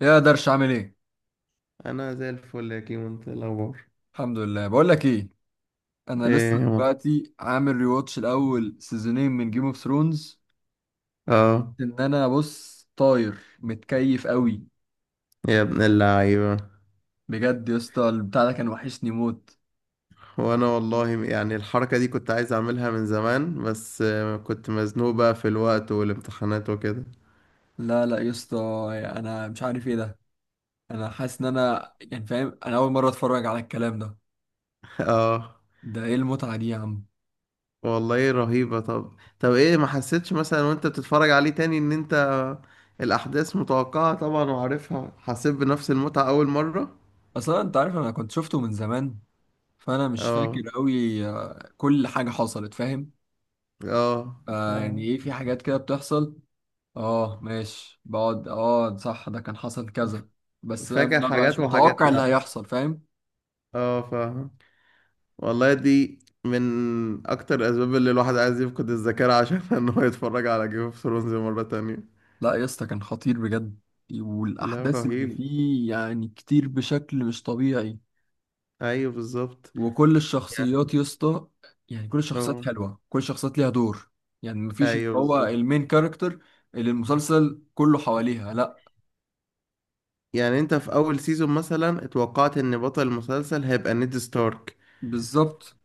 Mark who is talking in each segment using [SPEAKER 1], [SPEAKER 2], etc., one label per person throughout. [SPEAKER 1] يا درش، عامل ايه؟
[SPEAKER 2] انا زي الفل يا كيمو، انت إيه الاخبار؟
[SPEAKER 1] الحمد لله. بقول لك ايه، انا لسه
[SPEAKER 2] ايه.
[SPEAKER 1] دلوقتي عامل ريواتش الاول سيزونين من جيم اوف ثرونز.
[SPEAKER 2] اه.
[SPEAKER 1] ان انا بص طاير متكيف قوي.
[SPEAKER 2] يا ابن اللعيبه.
[SPEAKER 1] بجد يا اسطى، البتاع ده كان وحشني موت.
[SPEAKER 2] وانا والله يعني الحركه دي كنت عايز اعملها من زمان، بس كنت مزنوق بقى في الوقت والامتحانات وكده.
[SPEAKER 1] لا لا يا اسطى، انا مش عارف ايه ده. انا حاسس ان انا يعني فاهم، انا اول مره اتفرج على الكلام ده.
[SPEAKER 2] اه.
[SPEAKER 1] ده ايه المتعه دي يا عم؟
[SPEAKER 2] والله رهيبه. طب. طب ايه، ما حسيتش مثلا وانت بتتفرج عليه تاني ان انت الاحداث متوقعه طبعا وعارفها حسيت بنفس المتعه اول مره؟
[SPEAKER 1] اصلا انت عارف انا كنت شفته من زمان، فانا مش
[SPEAKER 2] اه.
[SPEAKER 1] فاكر قوي كل حاجه حصلت، فاهم؟
[SPEAKER 2] اه
[SPEAKER 1] آه يعني
[SPEAKER 2] فاهم.
[SPEAKER 1] ايه، في حاجات كده بتحصل. اه ماشي، بقعد، اه صح، ده كان حصل كذا. بس أنا
[SPEAKER 2] فاكر
[SPEAKER 1] ما
[SPEAKER 2] حاجات
[SPEAKER 1] بقاش
[SPEAKER 2] وحاجات
[SPEAKER 1] متوقع اللي
[SPEAKER 2] لا.
[SPEAKER 1] هيحصل، فاهم؟
[SPEAKER 2] اه فاهم. والله دي من اكتر الاسباب اللي الواحد عايز يفقد الذاكره عشان ان هو يتفرج على جيم اوف ثرونز مره تانية.
[SPEAKER 1] لا يا اسطى، كان خطير بجد.
[SPEAKER 2] لا
[SPEAKER 1] والاحداث اللي
[SPEAKER 2] رهيب.
[SPEAKER 1] فيه يعني كتير بشكل مش طبيعي.
[SPEAKER 2] ايوه بالظبط.
[SPEAKER 1] وكل
[SPEAKER 2] يعني
[SPEAKER 1] الشخصيات يا اسطى، يعني كل الشخصيات
[SPEAKER 2] لو.
[SPEAKER 1] حلوه، كل الشخصيات ليها دور. يعني مفيش اللي
[SPEAKER 2] ايوه
[SPEAKER 1] هو
[SPEAKER 2] بالظبط.
[SPEAKER 1] المين كاركتر اللي المسلسل كله حواليها. لا،
[SPEAKER 2] يعني انت في اول سيزون مثلا اتوقعت ان بطل المسلسل هيبقى نيد ستارك،
[SPEAKER 1] بالظبط.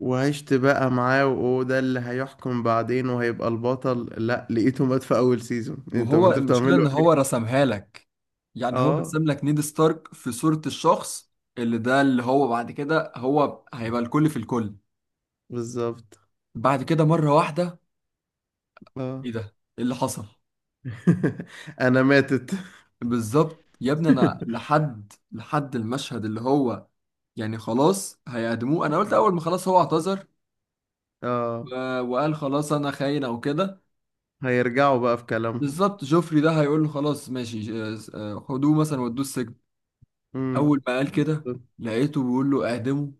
[SPEAKER 2] وعشت بقى معاه وهو ده اللي هيحكم بعدين وهيبقى البطل، لا لقيته مات في اول سيزون، انت
[SPEAKER 1] وهو
[SPEAKER 2] انت
[SPEAKER 1] المشكلة
[SPEAKER 2] بتعمله
[SPEAKER 1] ان هو
[SPEAKER 2] ايه؟
[SPEAKER 1] رسمها لك، يعني هو
[SPEAKER 2] اه
[SPEAKER 1] رسم لك نيد ستارك في صورة الشخص اللي، ده اللي هو بعد كده هو هيبقى الكل في الكل.
[SPEAKER 2] بالظبط.
[SPEAKER 1] بعد كده مرة واحدة،
[SPEAKER 2] اه.
[SPEAKER 1] ايه ده؟ ايه اللي حصل؟
[SPEAKER 2] انا ماتت.
[SPEAKER 1] بالظبط يا ابني. انا لحد المشهد اللي هو يعني خلاص هيعدموه، انا قلت اول ما خلاص هو اعتذر
[SPEAKER 2] اه.
[SPEAKER 1] وقال خلاص انا خاين او كده.
[SPEAKER 2] هيرجعوا بقى في كلامهم.
[SPEAKER 1] بالظبط، جوفري ده هيقول له خلاص ماشي، خدوه مثلا ودوه السجن.
[SPEAKER 2] امم.
[SPEAKER 1] اول ما قال كده، لقيته بيقول له اعدمه.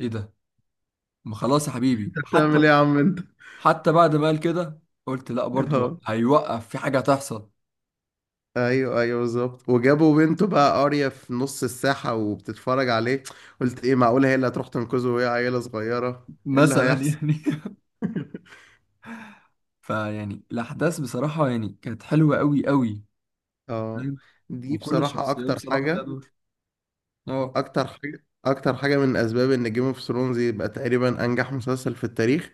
[SPEAKER 1] ايه ده؟ ما خلاص يا حبيبي.
[SPEAKER 2] انت بتعمل
[SPEAKER 1] حتى،
[SPEAKER 2] ايه يا عم انت؟
[SPEAKER 1] حتى بعد ما قال كده، قلت لا برضو،
[SPEAKER 2] اه.
[SPEAKER 1] هيوقف في حاجة هتحصل.
[SPEAKER 2] ايوه ايوه بالظبط. وجابوا بنته بقى قارية في نص الساحة وبتتفرج عليه. قلت ايه، معقولة هي اللي هتروح تنقذه وهي عيلة صغيرة؟ ايه اللي
[SPEAKER 1] مثلا
[SPEAKER 2] هيحصل.
[SPEAKER 1] يعني فيعني الأحداث بصراحة يعني كانت حلوة أوي أوي.
[SPEAKER 2] اه.
[SPEAKER 1] فاهم؟
[SPEAKER 2] دي
[SPEAKER 1] وكل
[SPEAKER 2] بصراحة
[SPEAKER 1] الشخصيات بصراحة ليها دور. اه،
[SPEAKER 2] اكتر حاجة من اسباب ان جيم اوف ثرونز يبقى تقريبا انجح مسلسل في التاريخ،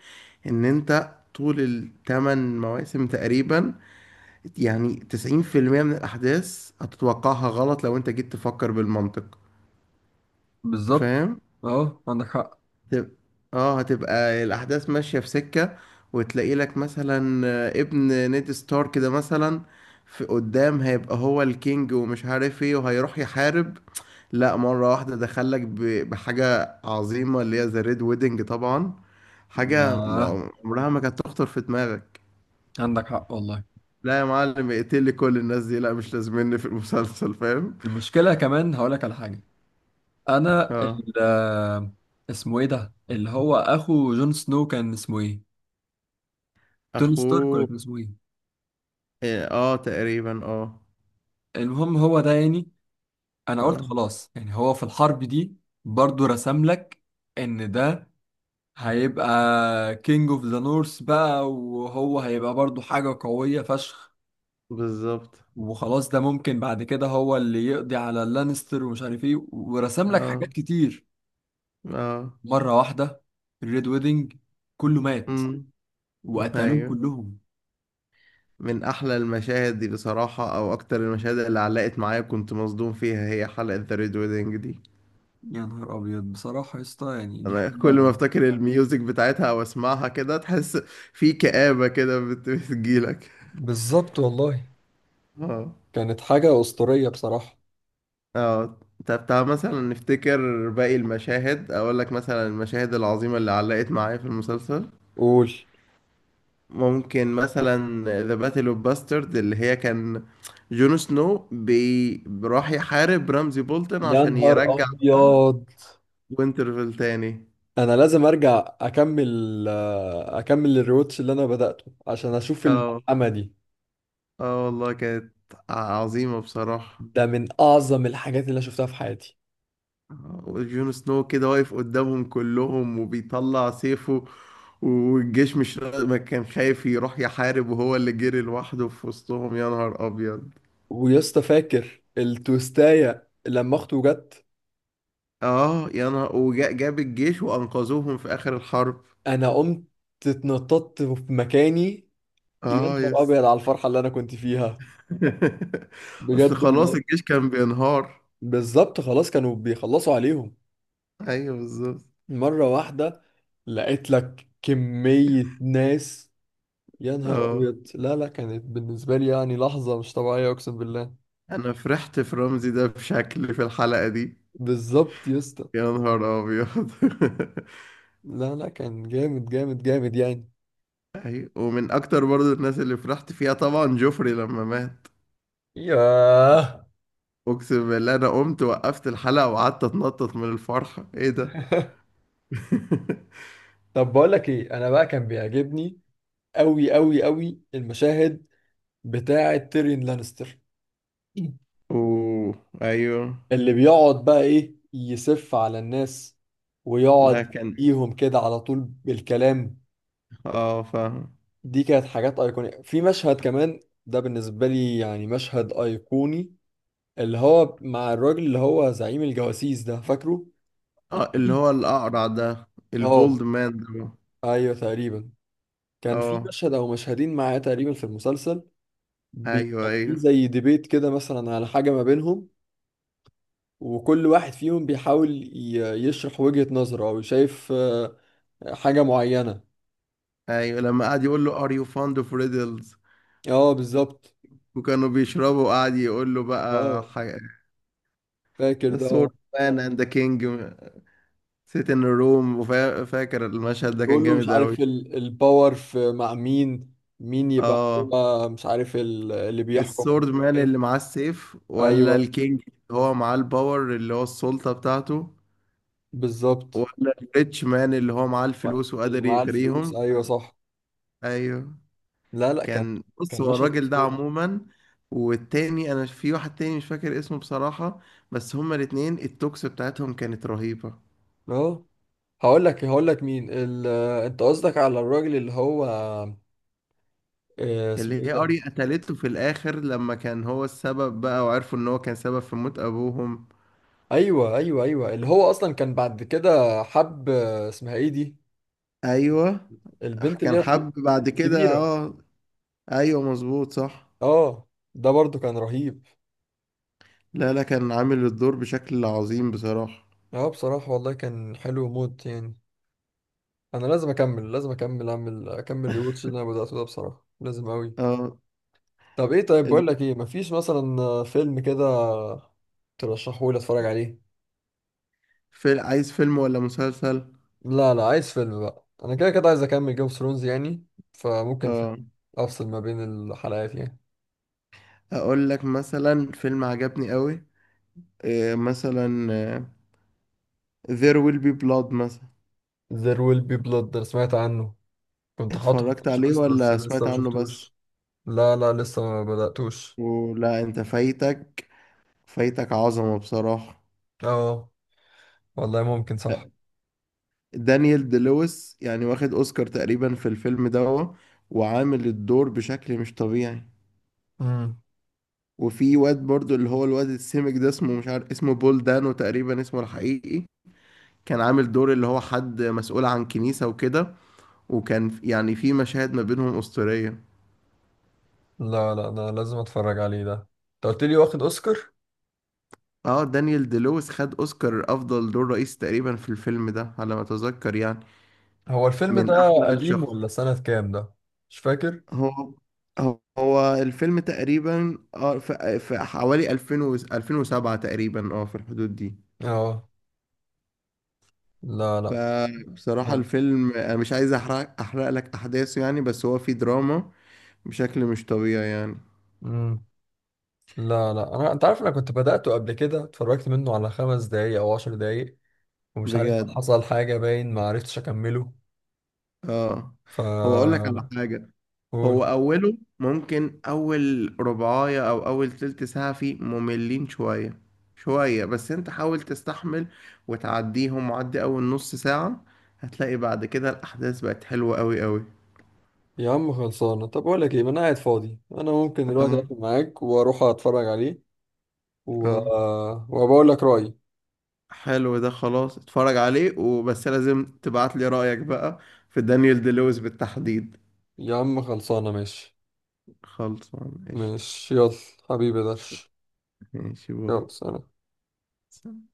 [SPEAKER 2] ان انت طول الثمان مواسم تقريبا يعني 90% من الأحداث هتتوقعها غلط لو أنت جيت تفكر بالمنطق.
[SPEAKER 1] بالظبط.
[SPEAKER 2] فاهم؟
[SPEAKER 1] اه عندك حق.
[SPEAKER 2] هتب- اه هتبقى الأحداث ماشية في سكة، وتلاقي لك مثلا ابن نيد ستارك كده مثلا في قدام هيبقى هو الكينج ومش عارف ايه وهيروح يحارب، لا مرة واحدة دخلك بحاجة عظيمة اللي هي ذا ريد ويدنج طبعا. حاجة
[SPEAKER 1] يا
[SPEAKER 2] عمرها ما كانت تخطر في دماغك.
[SPEAKER 1] عندك حق والله.
[SPEAKER 2] لا يا معلم، اقتلي كل الناس دي، لا مش لازمني في المسلسل. فاهم؟
[SPEAKER 1] المشكلة كمان هقولك على حاجة. أنا
[SPEAKER 2] اه.
[SPEAKER 1] ال آه، اسمه ايه ده اللي هو أخو جون سنو، كان اسمه ايه؟ توني ستارك ولا
[SPEAKER 2] اخوه.
[SPEAKER 1] كان اسمه ايه؟
[SPEAKER 2] إيه، اه تقريبا اه.
[SPEAKER 1] المهم هو ده، يعني انا قلت
[SPEAKER 2] اه
[SPEAKER 1] خلاص يعني هو في الحرب دي برضو رسم لك ان ده هيبقى كينج اوف ذا نورث بقى، وهو هيبقى برضو حاجة قوية فشخ.
[SPEAKER 2] بالظبط.
[SPEAKER 1] وخلاص ده ممكن بعد كده هو اللي يقضي على اللانستر ومش عارف ايه، ورسم لك حاجات
[SPEAKER 2] اه.
[SPEAKER 1] كتير.
[SPEAKER 2] اه.
[SPEAKER 1] مرة واحدة الريد ويدنج، كله مات
[SPEAKER 2] امم.
[SPEAKER 1] وقتلوهم
[SPEAKER 2] ايوه.
[SPEAKER 1] كلهم.
[SPEAKER 2] من احلى المشاهد دي بصراحة، او اكتر المشاهد اللي علقت معايا كنت مصدوم فيها، هي حلقة ذا ريد ويدنج دي.
[SPEAKER 1] يا نهار ابيض بصراحة يا اسطى، يعني دي
[SPEAKER 2] انا كل ما
[SPEAKER 1] حاجة.
[SPEAKER 2] افتكر الميوزك بتاعتها او اسمعها كده تحس في كآبة كده بتجيلك.
[SPEAKER 1] بالظبط والله،
[SPEAKER 2] اه.
[SPEAKER 1] كانت حاجة أسطورية بصراحة.
[SPEAKER 2] اه. طب تعال مثلا نفتكر باقي المشاهد، اقول لك مثلا المشاهد العظيمة اللي علقت معايا في المسلسل.
[SPEAKER 1] قول.
[SPEAKER 2] ممكن مثلا ذا باتل اوف باسترد اللي هي كان جون سنو راح يحارب رمزي بولتن
[SPEAKER 1] يا
[SPEAKER 2] عشان
[SPEAKER 1] نهار
[SPEAKER 2] يرجع
[SPEAKER 1] أبيض،
[SPEAKER 2] وينترفيل تاني.
[SPEAKER 1] انا لازم ارجع اكمل الريوتش اللي انا بدأته عشان اشوف
[SPEAKER 2] اه.
[SPEAKER 1] الملحمة دي.
[SPEAKER 2] اه والله كانت عظيمة بصراحة.
[SPEAKER 1] ده من اعظم الحاجات اللي أنا شفتها في حياتي.
[SPEAKER 2] وجون سنو كده واقف قدامهم كلهم وبيطلع سيفه، والجيش مش را- ما كان خايف يروح يحارب وهو اللي جري لوحده في وسطهم. يا نهار ابيض.
[SPEAKER 1] ويسطا، فاكر التوستاية لما اخته جت؟
[SPEAKER 2] اه يا نهار، وجاب الجيش وانقذوهم في اخر الحرب.
[SPEAKER 1] انا قمت اتنططت في مكاني، يا
[SPEAKER 2] اه
[SPEAKER 1] نهار
[SPEAKER 2] يس.
[SPEAKER 1] ابيض على الفرحة اللي انا كنت فيها.
[SPEAKER 2] اصل
[SPEAKER 1] بجد
[SPEAKER 2] خلاص
[SPEAKER 1] والله.
[SPEAKER 2] الجيش كان بينهار.
[SPEAKER 1] بالظبط، خلاص كانوا بيخلصوا عليهم.
[SPEAKER 2] ايوه بالظبط.
[SPEAKER 1] مرة واحدة لقيت لك كمية ناس. يا نهار
[SPEAKER 2] اه.
[SPEAKER 1] أبيض، لا لا، كانت بالنسبة لي يعني لحظة مش طبيعية أقسم بالله.
[SPEAKER 2] انا فرحت في رمزي ده بشكل في الحلقة دي.
[SPEAKER 1] بالظبط يا اسطى.
[SPEAKER 2] يا نهار ابيض.
[SPEAKER 1] لا لا، كان جامد جامد جامد يعني.
[SPEAKER 2] ايوه، ومن اكتر برضو الناس اللي فرحت فيها طبعا جوفري لما مات.
[SPEAKER 1] ياه.
[SPEAKER 2] اقسم بالله انا قمت وقفت الحلقة وقعدت اتنطط من الفرحة، ايه ده.
[SPEAKER 1] طب بقول لك ايه، انا بقى كان بيعجبني قوي قوي قوي المشاهد بتاعه تيريون لانستر،
[SPEAKER 2] اوه. ايوه.
[SPEAKER 1] اللي بيقعد بقى ايه يسف على الناس،
[SPEAKER 2] لا
[SPEAKER 1] ويقعد
[SPEAKER 2] كان.
[SPEAKER 1] يديهم كده على طول بالكلام.
[SPEAKER 2] اه فاهم.
[SPEAKER 1] دي كانت حاجات ايقونية. في مشهد كمان ده بالنسبة لي يعني مشهد ايقوني، اللي هو مع الراجل اللي هو زعيم الجواسيس ده، فاكره؟
[SPEAKER 2] اه اللي هو الاقرع ده،
[SPEAKER 1] اه،
[SPEAKER 2] البولد مان ده.
[SPEAKER 1] ايوه تقريبا. كان في
[SPEAKER 2] اه
[SPEAKER 1] مشهد او مشهدين معاه تقريبا في المسلسل.
[SPEAKER 2] ايوه
[SPEAKER 1] يعني في
[SPEAKER 2] ايوه
[SPEAKER 1] زي ديبيت كده مثلا على حاجه ما بينهم، وكل واحد فيهم بيحاول ي... يشرح وجهه نظره او شايف حاجه معينه.
[SPEAKER 2] ايوه. لما قعد يقول له ار يو فاند اوف ريدلز،
[SPEAKER 1] اه بالظبط.
[SPEAKER 2] وكانوا بيشربوا وقعد يقول له بقى
[SPEAKER 1] اه فاكر ده، اه.
[SPEAKER 2] سورد مان اند ذا كينج سيت ان روم. وفاكر المشهد ده
[SPEAKER 1] بيقول
[SPEAKER 2] كان
[SPEAKER 1] له مش
[SPEAKER 2] جامد قوي.
[SPEAKER 1] عارف الباور في مع مين، مين يبقى
[SPEAKER 2] اه.
[SPEAKER 1] هو، مش عارف اللي بيحكم.
[SPEAKER 2] السورد مان اللي معاه السيف، ولا
[SPEAKER 1] ايوه
[SPEAKER 2] الكينج اللي هو معاه الباور اللي هو السلطة بتاعته،
[SPEAKER 1] بالظبط.
[SPEAKER 2] ولا الريتش مان اللي هو معاه الفلوس
[SPEAKER 1] اللي
[SPEAKER 2] وقادر
[SPEAKER 1] معاه الفلوس،
[SPEAKER 2] يغريهم.
[SPEAKER 1] ايوه صح.
[SPEAKER 2] ايوه
[SPEAKER 1] لا لا، كان،
[SPEAKER 2] كان. بص
[SPEAKER 1] كان
[SPEAKER 2] هو
[SPEAKER 1] مشهد
[SPEAKER 2] الراجل ده
[SPEAKER 1] اسطوري.
[SPEAKER 2] عموما، والتاني انا في واحد تاني مش فاكر اسمه بصراحة، بس هما الاتنين التوكس بتاعتهم كانت رهيبة.
[SPEAKER 1] اه، هقول لك مين انت قصدك على الراجل اللي هو، اسمه
[SPEAKER 2] اللي
[SPEAKER 1] ايه
[SPEAKER 2] هي
[SPEAKER 1] ده؟
[SPEAKER 2] اري قتلته في الاخر لما كان هو السبب بقى وعرفوا ان هو كان سبب في موت ابوهم.
[SPEAKER 1] ايوه ايوه ايوه، اللي هو اصلا كان بعد كده حب، اسمها ايه دي،
[SPEAKER 2] ايوه
[SPEAKER 1] البنت اللي هي
[SPEAKER 2] كان حب بعد كده
[SPEAKER 1] الكبيره.
[SPEAKER 2] اه. ايوه مظبوط صح.
[SPEAKER 1] اه، ده برضو كان رهيب.
[SPEAKER 2] لا لا كان عامل الدور بشكل عظيم بصراحة.
[SPEAKER 1] اه بصراحه والله كان حلو موت يعني. انا لازم اكمل لازم اكمل اعمل اكمل ريوتش اللي انا بداته ده بصراحه، لازم قوي.
[SPEAKER 2] اه
[SPEAKER 1] طب ايه، طيب
[SPEAKER 2] ال-
[SPEAKER 1] بقول لك ايه، مفيش مثلا فيلم كده ترشحه لي اتفرج عليه؟
[SPEAKER 2] في عايز فيلم ولا مسلسل؟
[SPEAKER 1] لا لا، عايز فيلم بقى، انا كده كده عايز اكمل جيم اوف ثرونز يعني، فممكن فيلم
[SPEAKER 2] اه.
[SPEAKER 1] افصل ما بين الحلقات يعني.
[SPEAKER 2] اقول لك مثلا فيلم عجبني قوي. إيه مثلا There Will Be Blood مثلا.
[SPEAKER 1] There Will Be Blood، انا سمعت عنه. كنت حاطه في
[SPEAKER 2] اتفرجت
[SPEAKER 1] الواتش
[SPEAKER 2] عليه
[SPEAKER 1] ليست بس
[SPEAKER 2] ولا
[SPEAKER 1] لسه
[SPEAKER 2] سمعت
[SPEAKER 1] ما
[SPEAKER 2] عنه بس؟
[SPEAKER 1] شفتوش. لا لا، لسه ما بدأتوش.
[SPEAKER 2] ولا انت فايتك، فايتك عظمة بصراحة.
[SPEAKER 1] اه والله، ممكن صح.
[SPEAKER 2] لا، دانيال دي لويس يعني واخد اوسكار تقريبا في الفيلم ده، وعامل الدور بشكل مش طبيعي.
[SPEAKER 1] امم.
[SPEAKER 2] وفي واد برضو اللي هو الواد السمك ده اسمه مش عارف اسمه بول دانو تقريبا اسمه الحقيقي، كان عامل دور اللي هو حد مسؤول عن كنيسة وكده، وكان يعني في مشاهد ما بينهم أسطورية.
[SPEAKER 1] لا لا، انا لازم اتفرج عليه ده، انت قلت لي واخد اوسكار.
[SPEAKER 2] اه دانيال دي لويس خد اوسكار افضل دور رئيسي تقريبا في الفيلم ده على ما اتذكر يعني.
[SPEAKER 1] هو الفيلم
[SPEAKER 2] من
[SPEAKER 1] ده
[SPEAKER 2] احلى
[SPEAKER 1] قديم
[SPEAKER 2] الشخص.
[SPEAKER 1] ولا سنة كام ده؟ مش فاكر.
[SPEAKER 2] هو هو الفيلم تقريبا في حوالي 2000 و 2007 تقريبا، اه في الحدود دي.
[SPEAKER 1] اه. لا لا،
[SPEAKER 2] فبصراحة
[SPEAKER 1] حلو.
[SPEAKER 2] الفيلم انا مش عايز احرق لك احداثه يعني، بس هو فيه دراما بشكل مش طبيعي يعني.
[SPEAKER 1] مم. لا لا، انت عارف، انا كنت بدأته قبل كده، اتفرجت منه على 5 دقايق او 10 دقايق، ومش عارف
[SPEAKER 2] بجد.
[SPEAKER 1] حصل حاجة باين ما عرفتش اكمله.
[SPEAKER 2] اه.
[SPEAKER 1] ف
[SPEAKER 2] هو اقول لك على حاجة.
[SPEAKER 1] قول.
[SPEAKER 2] هو أوله ممكن أول ربعاية أو أول تلت ساعة فيه مملين شوية شوية، بس أنت حاول تستحمل وتعديهم، وعدي أول نص ساعة هتلاقي بعد كده الأحداث بقت حلوة أوي أوي.
[SPEAKER 1] يا عم خلصانة. طب أقول لك إيه، ما أنا قاعد فاضي، أنا ممكن دلوقتي
[SPEAKER 2] اه.
[SPEAKER 1] أقفل معاك وأروح أتفرج عليه و...
[SPEAKER 2] اه.
[SPEAKER 1] وبقول لك رأيي.
[SPEAKER 2] حلو ده خلاص، اتفرج عليه وبس لازم تبعت لي رأيك بقى في دانيال دي لويس بالتحديد.
[SPEAKER 1] يا عم خلصانة، ماشي.
[SPEAKER 2] خلصان قشطة.
[SPEAKER 1] ماشي يلا، حبيبي درش.
[SPEAKER 2] ماشي باي.
[SPEAKER 1] يلا سلام.
[SPEAKER 2] سلام.